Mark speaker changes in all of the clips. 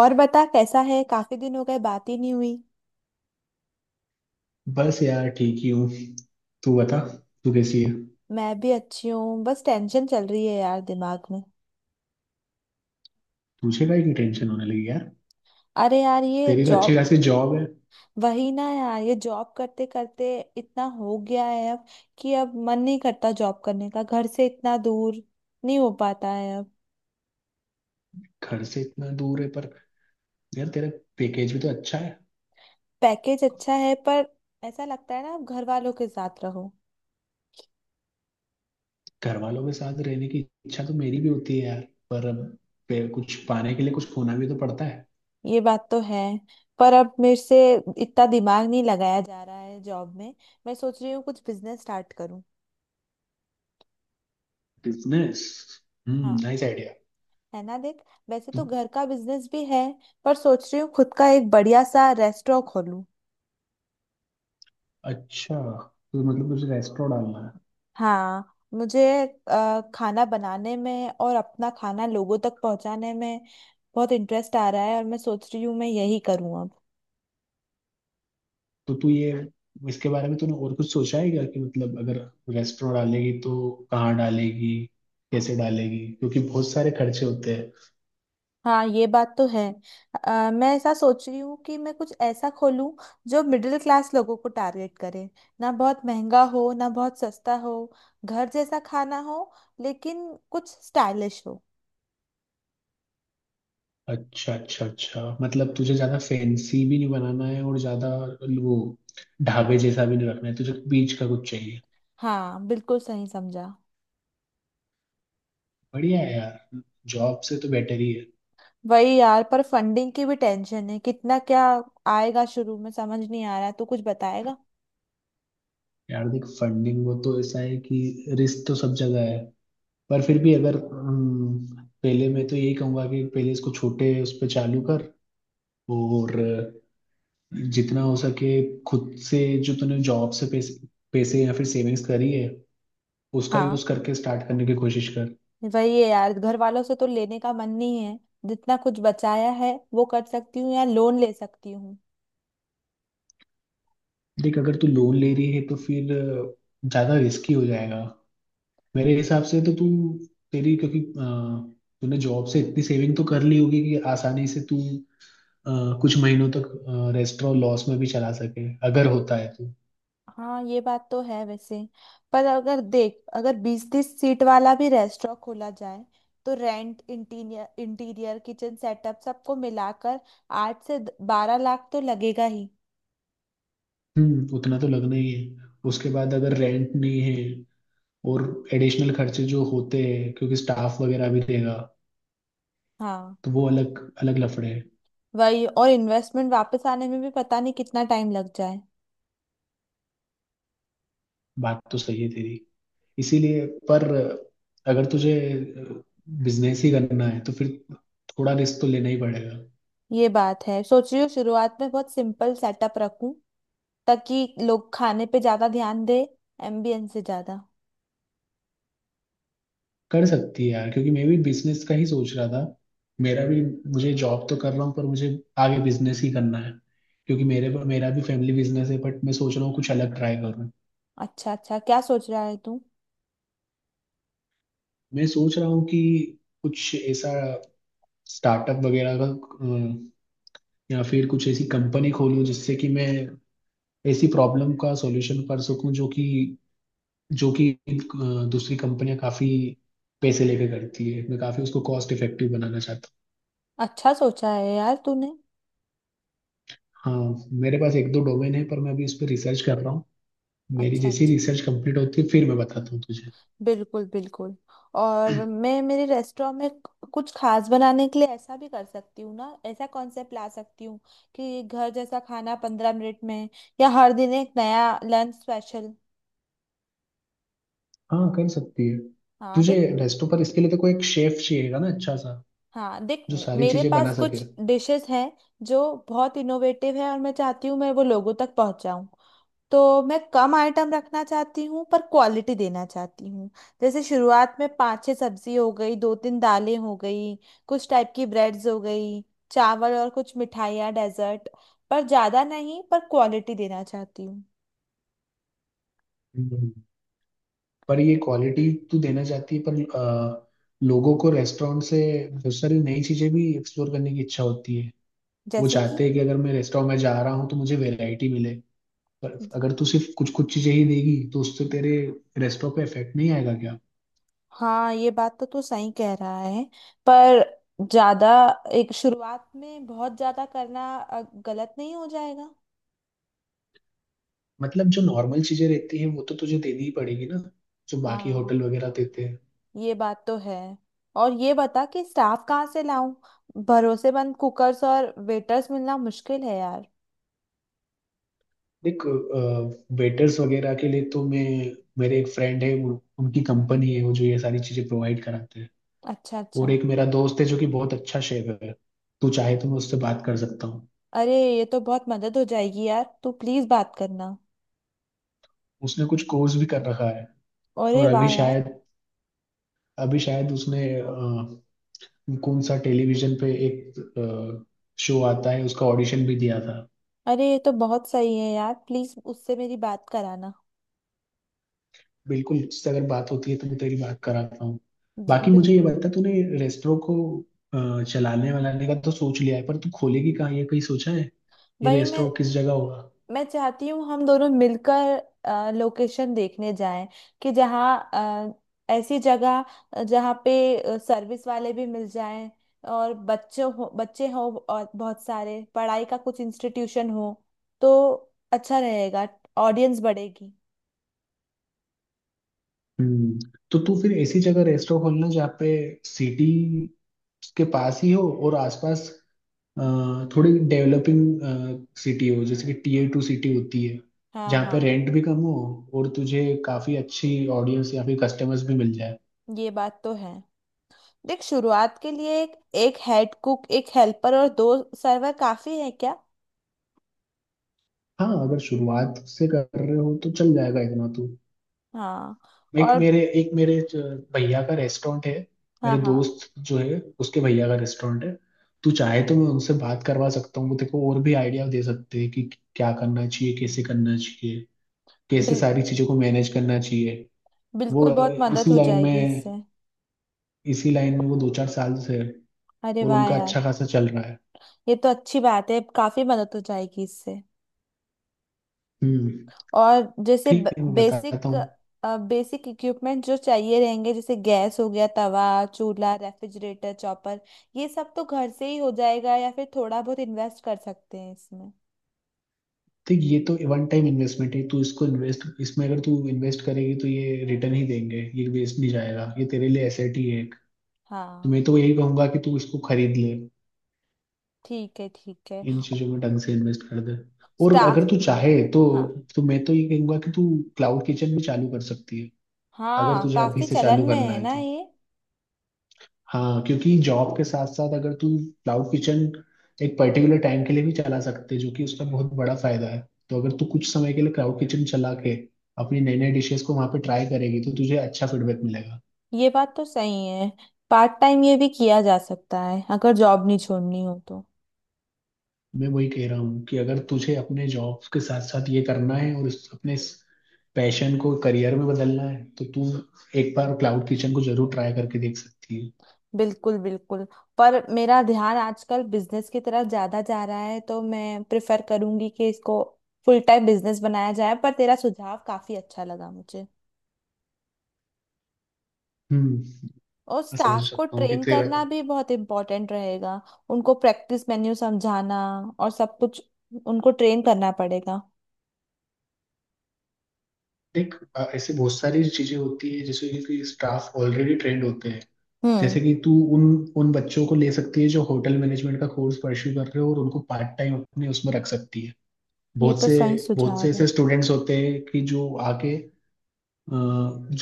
Speaker 1: और बता कैसा है। काफी दिन हो गए बात ही नहीं हुई।
Speaker 2: बस यार ठीक ही हूँ। तू बता, तू कैसी है।
Speaker 1: मैं भी अच्छी हूँ, बस टेंशन चल रही है यार दिमाग में।
Speaker 2: तुझे का की टेंशन होने लगी यार।
Speaker 1: अरे यार, ये
Speaker 2: तेरी तो अच्छी
Speaker 1: जॉब।
Speaker 2: खासी जॉब है।
Speaker 1: वही ना यार, ये जॉब करते करते इतना हो गया है अब कि अब मन नहीं करता जॉब करने का। घर से इतना दूर नहीं हो पाता है अब।
Speaker 2: घर से इतना दूर है पर यार तेरा पैकेज भी तो अच्छा है।
Speaker 1: पैकेज अच्छा है पर ऐसा लगता है ना, अब घर वालों के साथ रहो।
Speaker 2: घर वालों के साथ रहने की इच्छा तो मेरी भी होती है यार, पर अब कुछ पाने के लिए कुछ खोना भी तो पड़ता है।
Speaker 1: ये बात तो है, पर अब मेरे से इतना दिमाग नहीं लगाया जा रहा है जॉब में। मैं सोच रही हूँ कुछ बिजनेस स्टार्ट करूँ।
Speaker 2: बिजनेस? हम्म,
Speaker 1: हाँ,
Speaker 2: नाइस आइडिया।
Speaker 1: है ना, देख वैसे तो घर का बिजनेस भी है, पर सोच रही हूँ खुद का एक बढ़िया सा रेस्टोरेंट खोलूं।
Speaker 2: अच्छा, तो मतलब तुझे रेस्टोरेंट डालना।
Speaker 1: हाँ मुझे खाना बनाने में और अपना खाना लोगों तक पहुंचाने में बहुत इंटरेस्ट आ रहा है, और मैं सोच रही हूँ मैं यही करूँ अब।
Speaker 2: तो तू ये, इसके बारे में तूने और कुछ सोचा है क्या कि मतलब अगर रेस्टोरेंट डालेगी तो कहाँ डालेगी, कैसे डालेगी, क्योंकि बहुत सारे खर्चे होते हैं।
Speaker 1: हाँ, ये बात तो है। मैं ऐसा सोच रही हूँ कि मैं कुछ ऐसा खोलूँ जो मिडिल क्लास लोगों को टारगेट करे। ना बहुत महंगा हो ना बहुत सस्ता हो, घर जैसा खाना हो, लेकिन कुछ स्टाइलिश हो।
Speaker 2: अच्छा अच्छा अच्छा, मतलब तुझे ज्यादा फैंसी भी नहीं बनाना है और ज्यादा वो ढाबे जैसा भी नहीं रखना है, तुझे बीच का कुछ चाहिए।
Speaker 1: हाँ, बिल्कुल सही समझा।
Speaker 2: बढ़िया है यार, जॉब से तो बेटर ही है।
Speaker 1: वही यार, पर फंडिंग की भी टेंशन है। कितना क्या आएगा शुरू में समझ नहीं आ रहा है। तू कुछ बताएगा?
Speaker 2: यार देख, फंडिंग वो तो ऐसा है कि रिस्क तो सब जगह है पर फिर भी अगर पहले मैं तो यही कहूंगा कि पहले इसको छोटे उस पर चालू कर, और जितना हो सके खुद से, जो तूने जॉब से पैसे पैसे या फिर सेविंग्स करी है उसका
Speaker 1: हाँ,
Speaker 2: यूज करके स्टार्ट करने की कोशिश कर।
Speaker 1: वही है यार, घर वालों से तो लेने का मन नहीं है। जितना कुछ बचाया है वो कर सकती हूँ या लोन ले सकती हूँ।
Speaker 2: देख अगर तू लोन ले रही है तो फिर ज्यादा रिस्की हो जाएगा। मेरे हिसाब से तो तू, तेरी क्योंकि तूने जॉब से इतनी सेविंग तो कर ली होगी कि आसानी से तू अ, कुछ महीनों तक रेस्टोरेंट लॉस में भी चला सके अगर होता है तो।
Speaker 1: हाँ, ये बात तो है वैसे। पर अगर देख, अगर 20 30 सीट वाला भी रेस्टोरेंट खोला जाए, तो rent, interior, interior, kitchen setup सबको मिलाकर 8 से 12 लाख तो लगेगा ही।
Speaker 2: हम्म, उतना तो लगना ही है। उसके बाद अगर रेंट नहीं है, और एडिशनल खर्चे जो होते हैं क्योंकि स्टाफ वगैरह भी देगा,
Speaker 1: हाँ,
Speaker 2: तो वो अलग अलग लफड़े हैं।
Speaker 1: वही, और इन्वेस्टमेंट वापस आने में भी पता नहीं कितना टाइम लग जाए।
Speaker 2: बात तो सही है तेरी, इसीलिए पर अगर तुझे बिजनेस ही करना है तो फिर थोड़ा रिस्क तो लेना ही पड़ेगा।
Speaker 1: ये बात है, सोच रही हूँ शुरुआत में बहुत सिंपल सेटअप रखूं, ताकि लोग खाने पे ज्यादा ध्यान दे, एम्बियंस से ज्यादा।
Speaker 2: कर सकती है यार, क्योंकि मैं भी बिजनेस का ही सोच रहा था। मेरा भी, मुझे जॉब तो कर रहा हूँ पर मुझे आगे बिजनेस ही करना है, क्योंकि मेरे मेरा भी फैमिली बिजनेस है, बट मैं सोच रहा हूँ कुछ अलग ट्राई करूँ।
Speaker 1: अच्छा अच्छा, क्या सोच रहा है तू?
Speaker 2: मैं सोच रहा हूँ कि कुछ ऐसा स्टार्टअप वगैरह का या फिर कुछ ऐसी कंपनी खोलूँ जिससे कि मैं ऐसी प्रॉब्लम का सॉल्यूशन कर सकूं जो कि दूसरी कंपनियां काफी पैसे लेके करती है। मैं काफी उसको कॉस्ट इफेक्टिव बनाना चाहता
Speaker 1: अच्छा सोचा है यार तूने।
Speaker 2: हूँ। हाँ, मेरे पास एक दो डोमेन है पर मैं अभी उस पर रिसर्च कर रहा हूँ। मेरी
Speaker 1: अच्छा
Speaker 2: जैसी
Speaker 1: अच्छा।
Speaker 2: रिसर्च कंप्लीट होती है फिर मैं बताता हूँ तुझे।
Speaker 1: बिल्कुल बिल्कुल। और मैं मेरे रेस्टोरेंट में कुछ खास बनाने के लिए ऐसा भी कर सकती हूँ ना, ऐसा कॉन्सेप्ट ला सकती हूँ कि घर जैसा खाना 15 मिनट में, या हर दिन एक नया लंच स्पेशल।
Speaker 2: हाँ कर सकती है,
Speaker 1: हाँ,
Speaker 2: तुझे
Speaker 1: देख।
Speaker 2: रेस्टो पर इसके लिए तो कोई एक शेफ चाहिएगा ना अच्छा सा,
Speaker 1: हाँ देख,
Speaker 2: जो सारी
Speaker 1: मेरे
Speaker 2: चीजें बना
Speaker 1: पास
Speaker 2: सके।
Speaker 1: कुछ डिशेस हैं जो बहुत इनोवेटिव है, और मैं चाहती हूँ मैं वो लोगों तक पहुँचाऊँ। तो मैं कम आइटम रखना चाहती हूँ पर क्वालिटी देना चाहती हूँ। जैसे शुरुआत में 5 6 सब्जी हो गई, 2 3 दालें हो गई, कुछ टाइप की ब्रेड्स हो गई, चावल, और कुछ मिठाइयाँ डेजर्ट। पर ज़्यादा नहीं, पर क्वालिटी देना चाहती हूँ।
Speaker 2: हम्म। पर ये क्वालिटी तू देना चाहती है पर लोगों को रेस्टोरेंट से बहुत सारी नई चीजें भी एक्सप्लोर करने की इच्छा होती है। वो
Speaker 1: जैसे
Speaker 2: चाहते
Speaker 1: कि?
Speaker 2: हैं कि अगर मैं रेस्टोरेंट में जा रहा हूँ तो मुझे वैरायटी मिले, पर अगर तू सिर्फ कुछ कुछ चीजें ही देगी तो उससे तेरे रेस्टोरेंट पे इफेक्ट नहीं आएगा क्या।
Speaker 1: हाँ, ये बात तो तू सही कह रहा है। पर ज्यादा एक शुरुआत में बहुत ज्यादा करना गलत नहीं हो जाएगा?
Speaker 2: मतलब जो नॉर्मल चीजें रहती हैं वो तो तुझे देनी ही पड़ेगी ना, जो बाकी
Speaker 1: हाँ
Speaker 2: होटल वगैरह देते हैं।
Speaker 1: ये बात तो है। और ये बता कि स्टाफ कहाँ से लाऊं। भरोसेमंद कुकर्स और वेटर्स मिलना मुश्किल है यार।
Speaker 2: देख, वेटर्स वगैरह के लिए तो मैं, मेरे एक फ्रेंड है उनकी कंपनी है वो जो ये सारी चीजें प्रोवाइड कराते हैं।
Speaker 1: अच्छा
Speaker 2: और
Speaker 1: अच्छा।
Speaker 2: एक मेरा दोस्त है जो कि बहुत अच्छा शेफ है, तू चाहे तो मैं उससे बात कर सकता हूँ।
Speaker 1: अरे, ये तो बहुत मदद हो जाएगी यार, तू प्लीज बात करना।
Speaker 2: उसने कुछ कोर्स भी कर रखा है
Speaker 1: अरे
Speaker 2: और
Speaker 1: वाह यार।
Speaker 2: अभी शायद उसने कौन सा टेलीविजन पे एक शो आता है उसका ऑडिशन भी दिया था।
Speaker 1: अरे, ये तो बहुत सही है यार, प्लीज उससे मेरी बात कराना।
Speaker 2: बिल्कुल, इससे अगर बात होती है तो मैं तेरी बात कराता हूँ।
Speaker 1: जी
Speaker 2: बाकी मुझे ये
Speaker 1: बिल्कुल।
Speaker 2: बता, तूने रेस्टोरों को चलाने वालाने का तो सोच लिया है पर तू खोलेगी कहाँ ये कहीं सोचा है, ये
Speaker 1: वही,
Speaker 2: रेस्टोरों किस जगह होगा।
Speaker 1: मैं चाहती हूँ हम दोनों मिलकर लोकेशन देखने जाएं। कि जहाँ ऐसी जगह, जहाँ पे सर्विस वाले भी मिल जाएं, और बच्चों हो बच्चे हो, और बहुत सारे पढ़ाई का कुछ इंस्टीट्यूशन हो, तो अच्छा रहेगा, ऑडियंस बढ़ेगी।
Speaker 2: हम्म, तो तू फिर ऐसी जगह रेस्टोरेंट खोलना जहाँ पे सिटी के पास ही हो और आसपास अ, थोड़ी डेवलपिंग सिटी हो, जैसे कि टीयर टू सिटी होती है,
Speaker 1: हाँ
Speaker 2: जहाँ पे
Speaker 1: हाँ,
Speaker 2: रेंट भी कम हो और तुझे काफी अच्छी ऑडियंस या फिर कस्टमर्स भी मिल जाए।
Speaker 1: ये बात तो है। देख शुरुआत के लिए एक एक हेड कुक, एक हेल्पर और दो सर्वर काफी है क्या?
Speaker 2: हाँ, अगर शुरुआत से कर रहे हो तो चल जाएगा इतना तो।
Speaker 1: हाँ।
Speaker 2: एक
Speaker 1: और।
Speaker 2: मेरे एक मेरे ज- भैया का रेस्टोरेंट है।
Speaker 1: हाँ
Speaker 2: मेरे
Speaker 1: हाँ।
Speaker 2: दोस्त जो है, उसके भैया का रेस्टोरेंट है, तू चाहे तो मैं उनसे बात करवा सकता हूँ। वो तेको और भी आइडिया दे सकते हैं कि क्या करना चाहिए, कैसे करना चाहिए, कैसे सारी
Speaker 1: बिल्कुल
Speaker 2: चीजों को मैनेज करना चाहिए। वो
Speaker 1: बिल्कुल, बहुत मदद हो जाएगी इससे।
Speaker 2: इसी लाइन में वो दो चार साल से है
Speaker 1: अरे
Speaker 2: और
Speaker 1: वाह
Speaker 2: उनका
Speaker 1: यार।
Speaker 2: अच्छा खासा चल रहा है।
Speaker 1: ये तो अच्छी बात है, काफी मदद हो जाएगी इससे।
Speaker 2: हम्म।
Speaker 1: और जैसे
Speaker 2: ठीक है, मैं बताता
Speaker 1: बेसिक
Speaker 2: हूँ।
Speaker 1: बेसिक इक्विपमेंट जो चाहिए रहेंगे जैसे गैस हो गया, तवा, चूल्हा, रेफ्रिजरेटर, चॉपर, ये सब तो घर से ही हो जाएगा, या फिर थोड़ा बहुत इन्वेस्ट कर सकते हैं इसमें।
Speaker 2: ठीक, ये तो वन टाइम इन्वेस्टमेंट है। तू इसको इन्वेस्ट, इसमें अगर तू इन्वेस्ट करेगी तो ये रिटर्न ही देंगे, ये वेस्ट नहीं जाएगा, ये तेरे लिए एसेट ही है। तो
Speaker 1: हाँ।
Speaker 2: मैं तो यही कहूंगा कि तू इसको खरीद ले,
Speaker 1: ठीक है ठीक है।
Speaker 2: इन चीजों में ढंग से इन्वेस्ट कर दे। और
Speaker 1: स्टाफ।
Speaker 2: अगर तू चाहे तो
Speaker 1: हाँ।
Speaker 2: तो मैं तो ये कहूंगा कि तू क्लाउड किचन भी चालू कर सकती है। अगर
Speaker 1: हाँ,
Speaker 2: तुझे अभी
Speaker 1: काफी
Speaker 2: से
Speaker 1: चलन
Speaker 2: चालू
Speaker 1: में
Speaker 2: करना
Speaker 1: है
Speaker 2: है
Speaker 1: ना
Speaker 2: तो
Speaker 1: ये?
Speaker 2: हाँ, क्योंकि जॉब के साथ साथ अगर तू क्लाउड किचन एक पर्टिकुलर टाइम के लिए भी चला सकते है, जो कि उसका बहुत बड़ा फायदा है। तो अगर तू कुछ समय के लिए क्लाउड किचन चला के अपनी नई नई डिशेस को वहां पे ट्राई करेगी तो तुझे अच्छा फीडबैक मिलेगा।
Speaker 1: ये बात तो सही है। पार्ट टाइम ये भी किया जा सकता है अगर जॉब नहीं छोड़नी हो तो।
Speaker 2: मैं वही कह रहा हूँ कि अगर तुझे अपने जॉब के साथ साथ ये करना है और अपने पैशन को करियर में बदलना है तो तू एक बार क्लाउड किचन को जरूर ट्राई करके देख सकती है।
Speaker 1: बिल्कुल बिल्कुल। पर मेरा ध्यान आजकल बिजनेस की तरफ ज्यादा जा रहा है, तो मैं प्रेफर करूंगी कि इसको फुल टाइम बिजनेस बनाया जाए। पर तेरा सुझाव काफी अच्छा लगा मुझे।
Speaker 2: हम्म।
Speaker 1: और
Speaker 2: मैं समझ
Speaker 1: स्टाफ को
Speaker 2: सकता हूँ कि
Speaker 1: ट्रेन
Speaker 2: तेरा।
Speaker 1: करना भी बहुत इम्पोर्टेंट रहेगा। उनको प्रैक्टिस, मेन्यू समझाना, और सब कुछ, उनको ट्रेन करना पड़ेगा।
Speaker 2: देख ऐसे बहुत सारी चीजें होती है जैसे कि स्टाफ ऑलरेडी ट्रेंड होते हैं।
Speaker 1: हम्म।
Speaker 2: जैसे कि तू उन उन बच्चों को ले सकती है जो होटल मैनेजमेंट का कोर्स परस्यू कर रहे हो और उनको पार्ट टाइम अपने उसमें रख सकती है।
Speaker 1: ये
Speaker 2: बहुत
Speaker 1: तो
Speaker 2: से
Speaker 1: सही
Speaker 2: बहुत
Speaker 1: सुझाव
Speaker 2: से
Speaker 1: है।
Speaker 2: ऐसे स्टूडेंट्स होते हैं कि जो आके अ,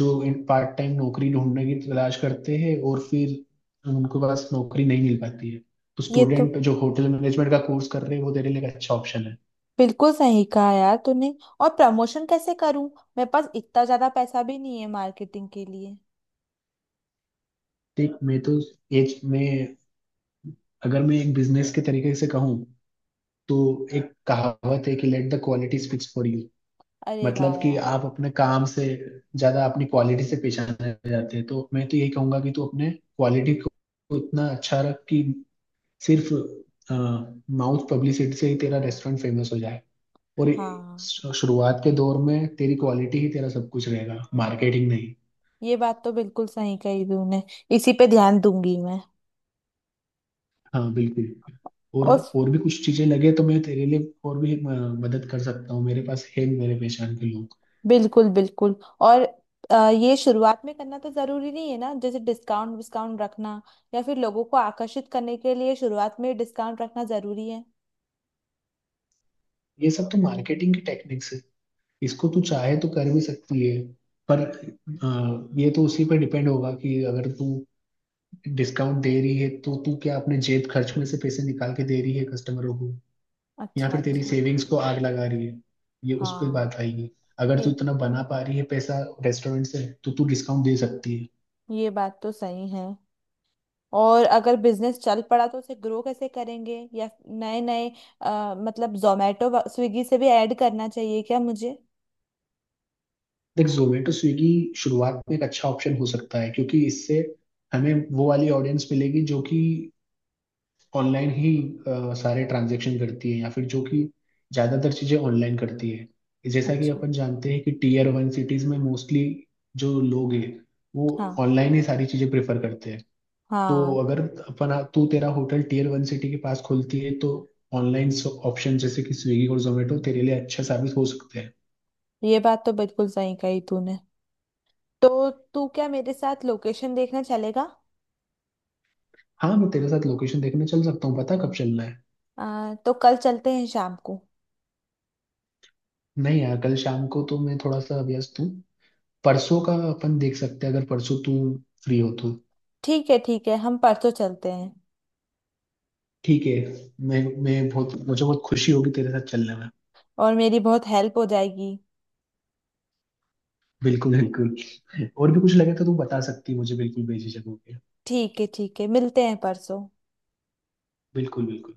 Speaker 2: जो इन पार्ट टाइम नौकरी ढूंढने की तलाश करते हैं और फिर उनके पास नौकरी नहीं मिल पाती है। तो
Speaker 1: ये तो
Speaker 2: स्टूडेंट जो होटल मैनेजमेंट का कोर्स कर रहे हैं वो तेरे लिए एक अच्छा ऑप्शन है।
Speaker 1: बिल्कुल सही कहा यार तूने। और प्रमोशन कैसे करूं? मेरे पास इतना ज्यादा पैसा भी नहीं है मार्केटिंग के लिए।
Speaker 2: देख, मैं तो एज में, अगर मैं एक बिजनेस के तरीके से कहूँ तो, एक कहावत है कि let the quality speaks for you.
Speaker 1: अरे वाह
Speaker 2: मतलब कि
Speaker 1: यार।
Speaker 2: आप अपने काम से ज्यादा अपनी क्वालिटी से पहचाने जाते हैं। तो मैं तो यही कहूंगा कि तू अपने क्वालिटी को इतना अच्छा रख कि सिर्फ माउथ पब्लिसिटी से ही तेरा रेस्टोरेंट फेमस हो जाए। और
Speaker 1: हाँ,
Speaker 2: शुरुआत के दौर में तेरी क्वालिटी ही तेरा सब कुछ रहेगा, मार्केटिंग नहीं।
Speaker 1: ये बात तो बिल्कुल सही कही तूने। इसी पे ध्यान दूंगी मैं।
Speaker 2: हाँ बिल्कुल। और
Speaker 1: और।
Speaker 2: और भी कुछ चीजें लगे तो मैं तेरे लिए और भी मदद कर सकता हूँ, मेरे पास है मेरे पहचान के लोग।
Speaker 1: बिल्कुल बिल्कुल। और ये शुरुआत में करना तो जरूरी नहीं है ना, जैसे डिस्काउंट डिस्काउंट रखना, या फिर लोगों को आकर्षित करने के लिए शुरुआत में डिस्काउंट रखना जरूरी है?
Speaker 2: ये सब तो मार्केटिंग की टेक्निक्स है, इसको तू चाहे तो कर भी सकती है। पर ये तो उसी पर डिपेंड होगा कि अगर तू डिस्काउंट दे रही है तो तू क्या अपने जेब खर्च में से पैसे निकाल के दे रही है कस्टमरों को, या
Speaker 1: अच्छा
Speaker 2: फिर तेरी
Speaker 1: अच्छा।
Speaker 2: सेविंग्स को आग लगा रही है, ये उस पर
Speaker 1: हाँ।
Speaker 2: बात आएगी। अगर तू
Speaker 1: ये
Speaker 2: इतना बना पा रही है पैसा रेस्टोरेंट से तो तू डिस्काउंट दे सकती है।
Speaker 1: ये बात तो सही है। और अगर बिजनेस चल पड़ा तो उसे ग्रो कैसे करेंगे, या नए नए, मतलब जोमेटो स्विगी से भी ऐड करना चाहिए क्या मुझे?
Speaker 2: देख, जोमेटो स्विगी शुरुआत में एक अच्छा ऑप्शन हो सकता है, क्योंकि इससे हमें वो वाली ऑडियंस मिलेगी जो कि ऑनलाइन ही सारे ट्रांजेक्शन करती है या फिर जो कि ज़्यादातर चीज़ें ऑनलाइन करती है। जैसा कि
Speaker 1: अच्छा।
Speaker 2: अपन जानते हैं कि टीयर वन सिटीज़ में मोस्टली जो लोग हैं वो
Speaker 1: हाँ
Speaker 2: ऑनलाइन ही सारी चीज़ें प्रेफर करते हैं। तो
Speaker 1: हाँ,
Speaker 2: अगर अपना तू तेरा होटल टीयर वन सिटी के पास खुलती है तो ऑनलाइन ऑप्शन जैसे कि स्विगी और जोमेटो तेरे लिए अच्छा साबित हो सकते हैं।
Speaker 1: ये बात तो बिल्कुल सही कही तूने। तो तू क्या मेरे साथ लोकेशन देखने चलेगा?
Speaker 2: हाँ, मैं तेरे साथ लोकेशन देखने चल सकता हूँ, पता कब चलना है।
Speaker 1: तो कल चलते हैं शाम को।
Speaker 2: नहीं यार, कल शाम को तो मैं थोड़ा सा व्यस्त हूँ, परसों का अपन देख सकते हैं, अगर परसों तू फ्री हो तो।
Speaker 1: ठीक है ठीक है, हम परसों चलते हैं।
Speaker 2: ठीक है, मैं बहुत, मुझे बहुत खुशी होगी तेरे साथ चलने में।
Speaker 1: और मेरी बहुत हेल्प हो जाएगी।
Speaker 2: बिल्कुल बिल्कुल। और भी कुछ लगे तो तू बता सकती है मुझे, बिल्कुल भेजी जगहों पे।
Speaker 1: ठीक है ठीक है, मिलते हैं परसों।
Speaker 2: बिल्कुल बिल्कुल।